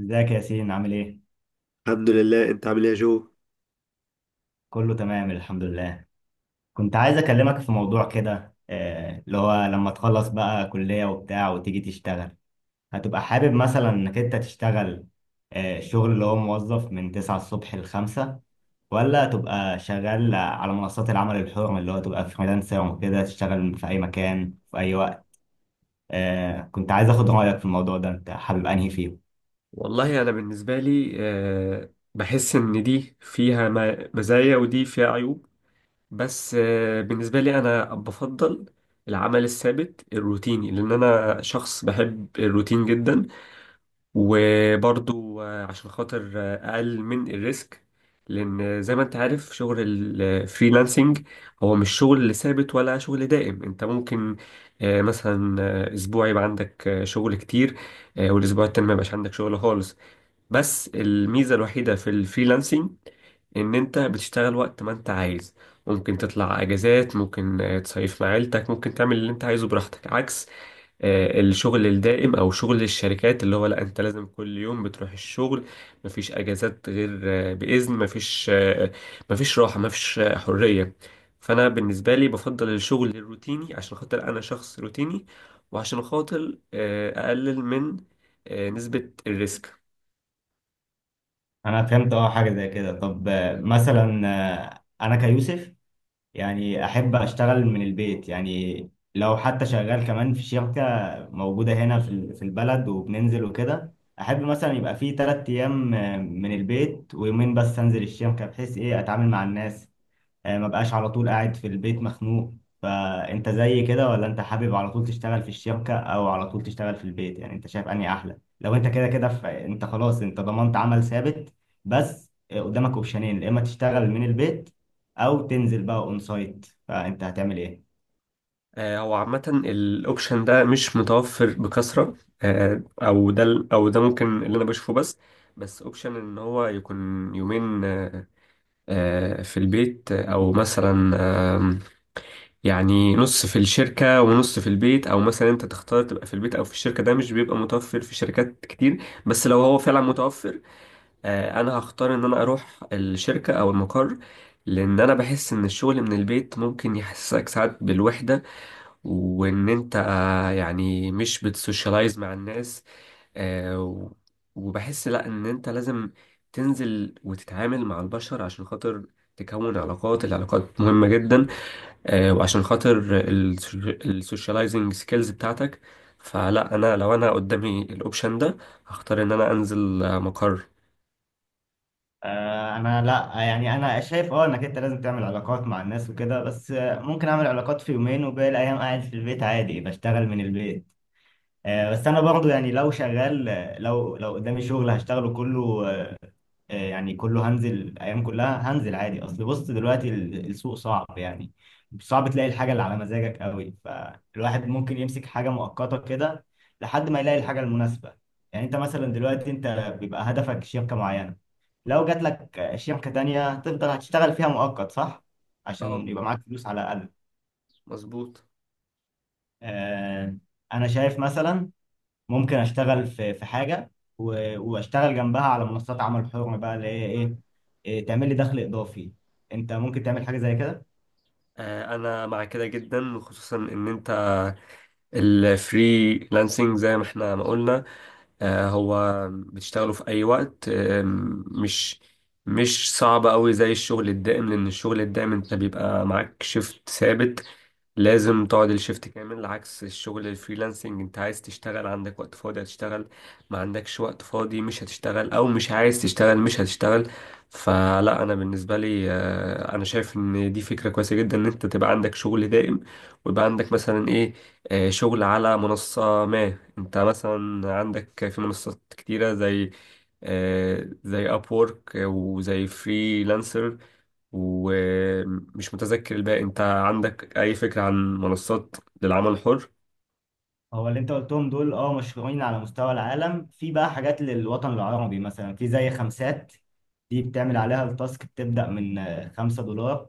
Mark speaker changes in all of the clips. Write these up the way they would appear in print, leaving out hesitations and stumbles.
Speaker 1: ازيك يا ياسين، عامل ايه؟
Speaker 2: الحمد لله. انت عامل ايه يا جو؟
Speaker 1: كله تمام، الحمد لله. كنت عايز اكلمك في موضوع كده، اللي هو لما تخلص بقى كلية وبتاع وتيجي تشتغل، هتبقى حابب مثلا انك انت تشتغل شغل اللي هو موظف من 9 الصبح ل 5، ولا تبقى شغال على منصات العمل الحر اللي هو تبقى فريلانسر وكده تشتغل في اي مكان في اي وقت؟ كنت عايز اخد رأيك في الموضوع ده، انت حابب انهي فيه؟
Speaker 2: والله أنا بالنسبة لي بحس إن دي فيها مزايا ودي فيها عيوب. بس بالنسبة لي أنا بفضل العمل الثابت الروتيني، لأن أنا شخص بحب الروتين جدا. وبرضو عشان خاطر أقل من الريسك، لأن زي ما أنت عارف شغل الفريلانسنج هو مش شغل ثابت ولا شغل دائم. أنت ممكن مثلا أسبوع يبقى عندك شغل كتير، والأسبوع التاني ما يبقاش عندك شغل خالص. بس الميزة الوحيدة في الفريلانسنج إن أنت بتشتغل وقت ما أنت عايز، ممكن تطلع أجازات، ممكن تصيف مع عيلتك، ممكن تعمل اللي أنت عايزه براحتك، عكس الشغل الدائم او شغل الشركات اللي هو لا، انت لازم كل يوم بتروح الشغل، مفيش اجازات غير باذن، مفيش مفيش راحه، مفيش حريه. فانا بالنسبه لي بفضل الشغل الروتيني عشان خاطر انا شخص روتيني، وعشان خاطر اقلل من نسبه الريسك.
Speaker 1: انا فهمت حاجة زي كده. طب مثلا انا كيوسف، يعني أحب أشتغل من البيت، يعني لو حتى شغال كمان في شركة موجودة هنا في البلد وبننزل وكده، أحب مثلا يبقى فيه 3 أيام من البيت ويومين بس أنزل الشركة بحيث أتعامل مع الناس، ما بقاش على طول قاعد في البيت مخنوق. فانت زي كده، ولا انت حابب على طول تشتغل في الشركة، او على طول تشتغل في البيت؟ يعني انت شايف انهي احلى؟ لو انت كده كده، انت خلاص، انت ضمنت عمل ثابت، بس قدامك اوبشنين: يا اما تشتغل من البيت، او تنزل بقى اون سايت. فانت هتعمل ايه؟
Speaker 2: هو عامه الاوبشن ده مش متوفر بكثره. او ده ممكن اللي انا بشوفه بس. بس اوبشن ان هو يكون يومين، في البيت، او مثلا، آم، يعني نص في الشركة ونص في البيت، او مثلا انت تختار تبقى في البيت او في الشركة، ده مش بيبقى متوفر في شركات كتير. بس لو هو فعلا متوفر، انا هختار ان انا اروح الشركة او المقر، لان انا بحس ان الشغل من البيت ممكن يحسسك ساعات بالوحدة، وان انت يعني مش بتسوشيالايز مع الناس. آه و- وبحس لا، ان انت لازم تنزل وتتعامل مع البشر عشان خاطر تكون علاقات. العلاقات مهمة جدا، وعشان خاطر السوشياليزنج سكيلز بتاعتك. فلا، انا لو انا قدامي الاوبشن ده، هختار ان انا انزل مقر.
Speaker 1: انا لا، يعني انا شايف انك انت لازم تعمل علاقات مع الناس وكده، بس ممكن اعمل علاقات في يومين، وباقي الايام قاعد في البيت عادي بشتغل من البيت. بس انا برضو يعني لو شغال، لو قدامي شغل هشتغله كله، يعني كله هنزل، الايام كلها هنزل عادي. اصل بص دلوقتي السوق صعب يعني، صعب تلاقي الحاجه اللي على مزاجك قوي، فالواحد ممكن يمسك حاجه مؤقته كده لحد ما يلاقي الحاجه المناسبه. يعني انت مثلا دلوقتي انت بيبقى هدفك شركه معينه، لو جات لك شركه تانية تفضل هتشتغل فيها مؤقت، صح؟
Speaker 2: اه،
Speaker 1: عشان يبقى معاك فلوس على الاقل.
Speaker 2: مظبوط.
Speaker 1: آه، انا شايف مثلا ممكن اشتغل في حاجه، واشتغل جنبها على منصات عمل حر بقى، اللي هي ايه، تعمل لي دخل اضافي. انت ممكن تعمل حاجه زي كده؟
Speaker 2: انا مع كده جدا، خصوصا ان انت الفريلانسنج زي ما احنا ما قلنا، هو بتشتغله في أي وقت، مش صعب أوي زي الشغل الدائم، لأن الشغل الدائم أنت بيبقى معاك شيفت ثابت، لازم تقعد الشيفت كامل، عكس الشغل الفريلانسنج انت عايز تشتغل عندك وقت فاضي، هتشتغل. ما عندكش وقت فاضي، مش هتشتغل، او مش عايز تشتغل، مش هتشتغل. فلا، انا بالنسبة لي انا شايف ان دي فكرة كويسة جدا ان انت تبقى عندك شغل دائم، ويبقى عندك مثلا ايه، شغل على منصة، ما انت مثلا عندك في منصات كتيرة زي زي اب وورك وزي فريلانسر. ومش متذكر الباقي. انت عندك اي فكرة عن منصات للعمل الحر؟
Speaker 1: هو اللي انت قلتهم دول مشهورين على مستوى العالم، في بقى حاجات للوطن العربي مثلا، في زي خمسات، دي بتعمل عليها التاسك بتبدا من 5 دولار،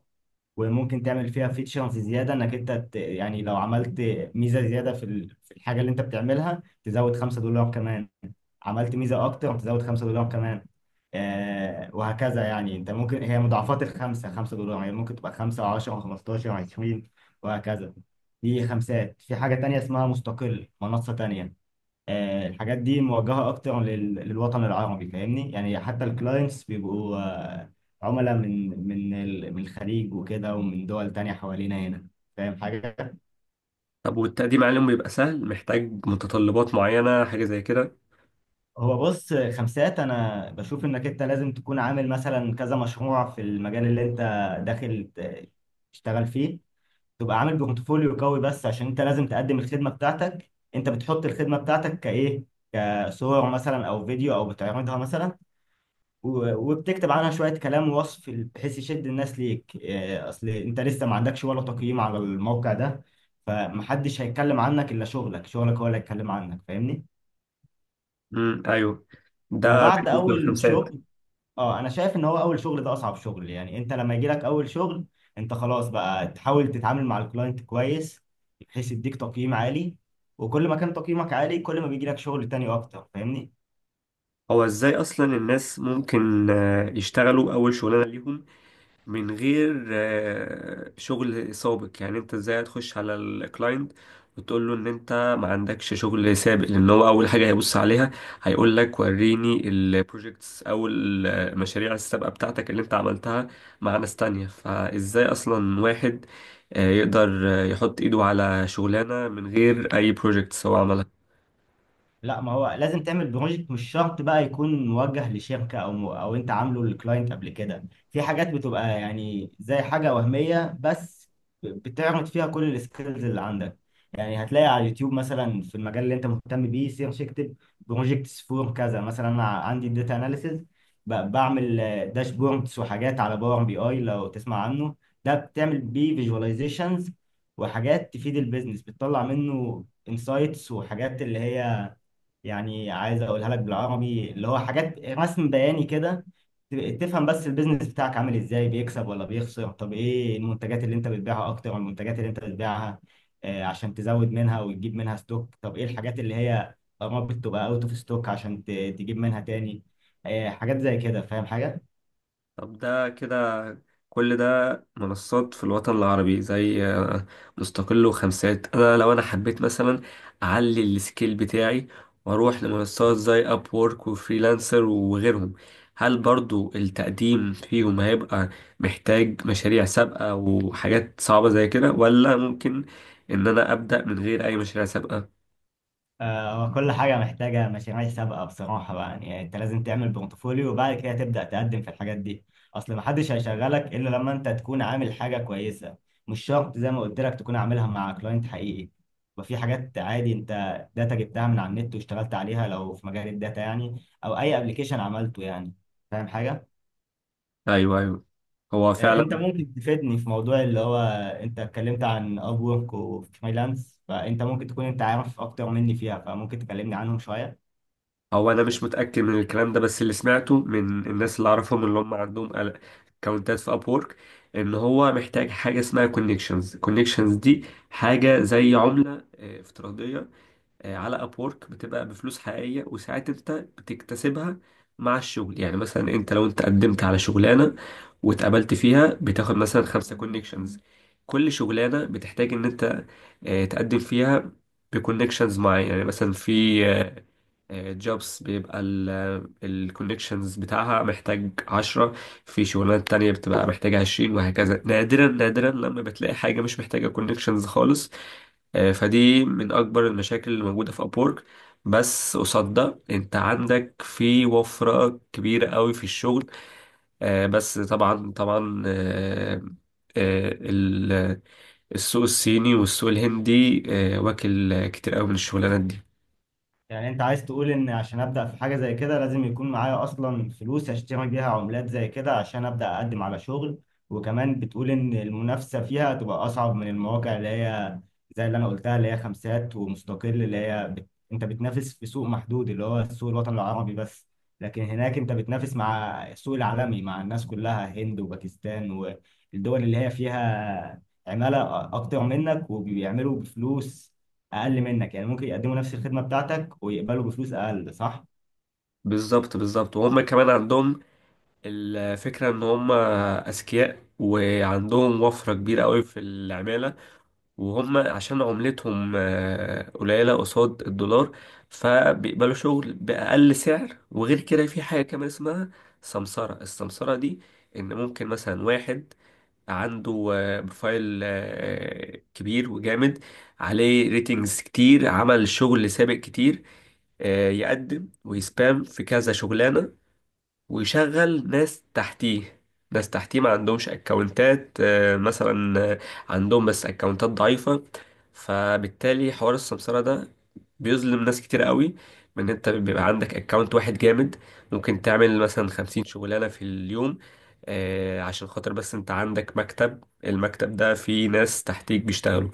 Speaker 1: وممكن تعمل فيها فيتشرز زياده انك انت يعني لو عملت ميزه زياده في الحاجه اللي انت بتعملها، تزود 5 دولار كمان. عملت ميزه اكتر، هتزود 5 دولار كمان، وهكذا. يعني انت ممكن، هي مضاعفات الخمسه، 5 دولار، يعني ممكن تبقى 5 و10 و15 و20 وهكذا. دي خمسات. في حاجه تانية اسمها مستقل، منصه تانية. الحاجات دي موجهه اكتر للوطن العربي، فاهمني؟ يعني حتى الكلاينتس بيبقوا عملاء من الخليج وكده، ومن دول تانية حوالينا هنا. فاهم حاجه؟
Speaker 2: طب والتقديم عليهم بيبقى سهل؟ محتاج متطلبات معينة، حاجة زي كده؟
Speaker 1: هو بص، خمسات انا بشوف انك انت لازم تكون عامل مثلا كذا مشروع في المجال اللي انت داخل تشتغل فيه، تبقى عامل بورتفوليو قوي، بس عشان انت لازم تقدم الخدمة بتاعتك. انت بتحط الخدمة بتاعتك كايه، كصور مثلا او فيديو، او بتعرضها مثلا وبتكتب عنها شوية كلام ووصف بحيث يشد الناس ليك. اصل انت لسه ما عندكش ولا تقييم على الموقع ده، فمحدش هيتكلم عنك الا شغلك. شغلك هو اللي هيتكلم عنك، فاهمني؟
Speaker 2: امم، ايوه، ده
Speaker 1: وبعد
Speaker 2: بالنسبة
Speaker 1: اول
Speaker 2: للخمسات.
Speaker 1: شغل، اه انا شايف ان هو اول شغل ده اصعب شغل. يعني انت لما يجي لك اول شغل، انت خلاص بقى تحاول تتعامل مع الكلاينت كويس بحيث يديك تقييم عالي، وكل ما كان تقييمك عالي كل ما بيجي لك شغل تاني اكتر، فاهمني؟
Speaker 2: هو ازاي اصلا الناس ممكن يشتغلوا اول شغلانة ليهم من غير شغل سابق؟ يعني انت ازاي هتخش على الكلاينت وتقول له ان انت ما عندكش شغل سابق؟ لان هو اول حاجه هيبص عليها، هيقول لك وريني البروجكتس او المشاريع السابقه بتاعتك اللي انت عملتها مع ناس تانية. فازاي اصلا واحد يقدر يحط ايده على شغلانه من غير اي بروجكتس هو عملها؟
Speaker 1: لا، ما هو لازم تعمل بروجكت، مش شرط بقى يكون موجه لشركة، او او انت عامله للكلاينت قبل كده. في حاجات بتبقى يعني زي حاجة وهمية بس، بتعرض فيها كل السكيلز اللي عندك. يعني هتلاقي على اليوتيوب مثلا في المجال اللي انت مهتم بيه، سيرش اكتب بروجكتس فور كذا. مثلا انا عندي داتا اناليسز، بعمل داشبوردز وحاجات على باور بي اي، لو تسمع عنه، ده بتعمل بيه فيجواليزيشنز وحاجات تفيد البيزنس، بتطلع منه انسايتس وحاجات اللي هي، يعني عايز اقولها لك بالعربي، اللي هو حاجات رسم بياني كده ت- تفهم بس البيزنس بتاعك عامل ازاي، بيكسب ولا بيخسر. طب ايه المنتجات اللي انت بتبيعها اكتر، والمنتجات اللي انت بتبيعها عشان تزود منها وتجيب منها ستوك. طب ايه الحاجات اللي هي قربت تبقى اوت اوف ستوك عشان تجيب منها تاني، حاجات زي كده، فاهم حاجة؟
Speaker 2: طب ده كده كل ده منصات في الوطن العربي زي مستقل وخمسات. انا لو انا حبيت مثلا اعلي السكيل بتاعي واروح لمنصات زي اب وورك وفريلانسر وغيرهم، هل برضو التقديم فيهم هيبقى محتاج مشاريع سابقة وحاجات صعبة زي كده، ولا ممكن ان انا ابدأ من غير اي مشاريع سابقة؟
Speaker 1: هو كل حاجة محتاجة مشاريع سابقة بصراحة بقى، يعني أنت لازم تعمل بورتفوليو وبعد كده تبدأ تقدم في الحاجات دي. أصل محدش هيشغلك إلا لما أنت تكون عامل حاجة كويسة، مش شرط زي ما قلت لك تكون عاملها مع كلاينت حقيقي. وفي حاجات عادي أنت داتا جبتها من على النت واشتغلت عليها لو في مجال الداتا يعني، أو أي أبلكيشن عملته يعني. فاهم حاجة؟
Speaker 2: ايوه، ايوه، هو فعلا.
Speaker 1: أنت ممكن تفيدني في موضوع اللي هو، أنت اتكلمت عن أب وورك وفريلانس، فأنت ممكن تكون أنت عارف أكتر مني فيها، فممكن تكلمني عنهم شوية.
Speaker 2: هو انا مش متاكد من الكلام ده، بس اللي سمعته من الناس اللي اعرفهم اللي هم عندهم اكونتات في ابورك، ان هو محتاج حاجه اسمها كونكشنز. كونكشنز دي حاجه زي عمله افتراضيه على ابورك، بتبقى بفلوس حقيقيه، وساعات انت بتكتسبها مع الشغل. يعني مثلا انت لو انت قدمت على شغلانه واتقبلت فيها بتاخد مثلا خمسة كونكشنز. كل شغلانه بتحتاج ان انت تقدم فيها بكونكشنز معين، يعني مثلا في جوبس بيبقى الكوليكشنز بتاعها محتاج 10، في شغلانات تانية بتبقى محتاجة 20، وهكذا. نادرا نادرا لما بتلاقي حاجة مش محتاجة كوليكشنز خالص. فدي من أكبر المشاكل اللي موجودة في أبورك، بس قصاد ده انت عندك في وفرة كبيرة قوي في الشغل. بس طبعا طبعا، آه، ال- السوق الصيني والسوق الهندي واكل كتير قوي من الشغلانات دي.
Speaker 1: يعني انت عايز تقول ان عشان ابدا في حاجه زي كده لازم يكون معايا اصلا فلوس اشتري بيها عملات زي كده عشان ابدا اقدم على شغل، وكمان بتقول ان المنافسه فيها تبقى اصعب من المواقع اللي هي زي اللي انا قلتها، اللي هي خمسات ومستقل، اللي هي انت بتنافس في سوق محدود اللي هو السوق الوطني العربي بس. لكن هناك انت بتنافس مع السوق العالمي، مع الناس كلها، هند وباكستان والدول اللي هي فيها عمالة أكتر منك وبيعملوا بفلوس اقل منك، يعني ممكن يقدموا نفس الخدمه بتاعتك ويقبلوا بفلوس اقل، صح؟
Speaker 2: بالظبط بالظبط، وهم كمان عندهم الفكرة إن هم أذكياء، وعندهم وفرة كبيرة قوي في العمالة، وهم عشان عملتهم قليلة قصاد الدولار، فبيقبلوا شغل بأقل سعر. وغير كده في حاجة كمان اسمها سمسرة. السمسرة دي إن ممكن مثلا واحد عنده بروفايل كبير وجامد، عليه ريتنجز كتير، عمل شغل سابق كتير، يقدم ويسبام في كذا شغلانة، ويشغل ناس تحتيه. ناس تحتيه ما عندهمش اكونتات، مثلا عندهم بس اكونتات ضعيفة. فبالتالي حوار السمسرة ده بيظلم ناس كتير قوي، من انت بيبقى عندك اكونت واحد جامد ممكن تعمل مثلا 50 شغلانة في اليوم عشان خاطر بس انت عندك مكتب. المكتب ده فيه ناس تحتيك بيشتغلوا.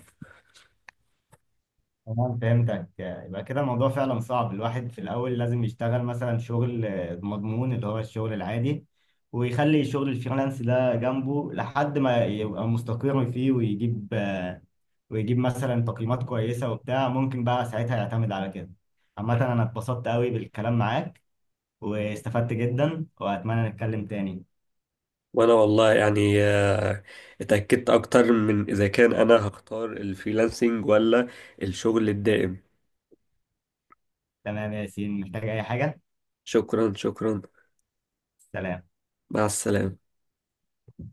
Speaker 1: تمام، فهمتك. يبقى كده الموضوع فعلا صعب، الواحد في الأول لازم يشتغل مثلا شغل مضمون اللي هو الشغل العادي، ويخلي شغل الفريلانس ده جنبه لحد ما يبقى مستقر فيه، ويجيب مثلا تقييمات كويسة وبتاع، ممكن بقى ساعتها يعتمد على كده. عامة أنا اتبسطت قوي بالكلام معاك، واستفدت جدا، وأتمنى نتكلم تاني.
Speaker 2: وانا والله يعني اتأكدت اكتر من اذا كان انا هختار الفريلانسنج ولا الشغل الدائم.
Speaker 1: تمام يا ياسين، محتاج أي حاجة؟
Speaker 2: شكرا، شكرا.
Speaker 1: سلام.
Speaker 2: مع السلامة.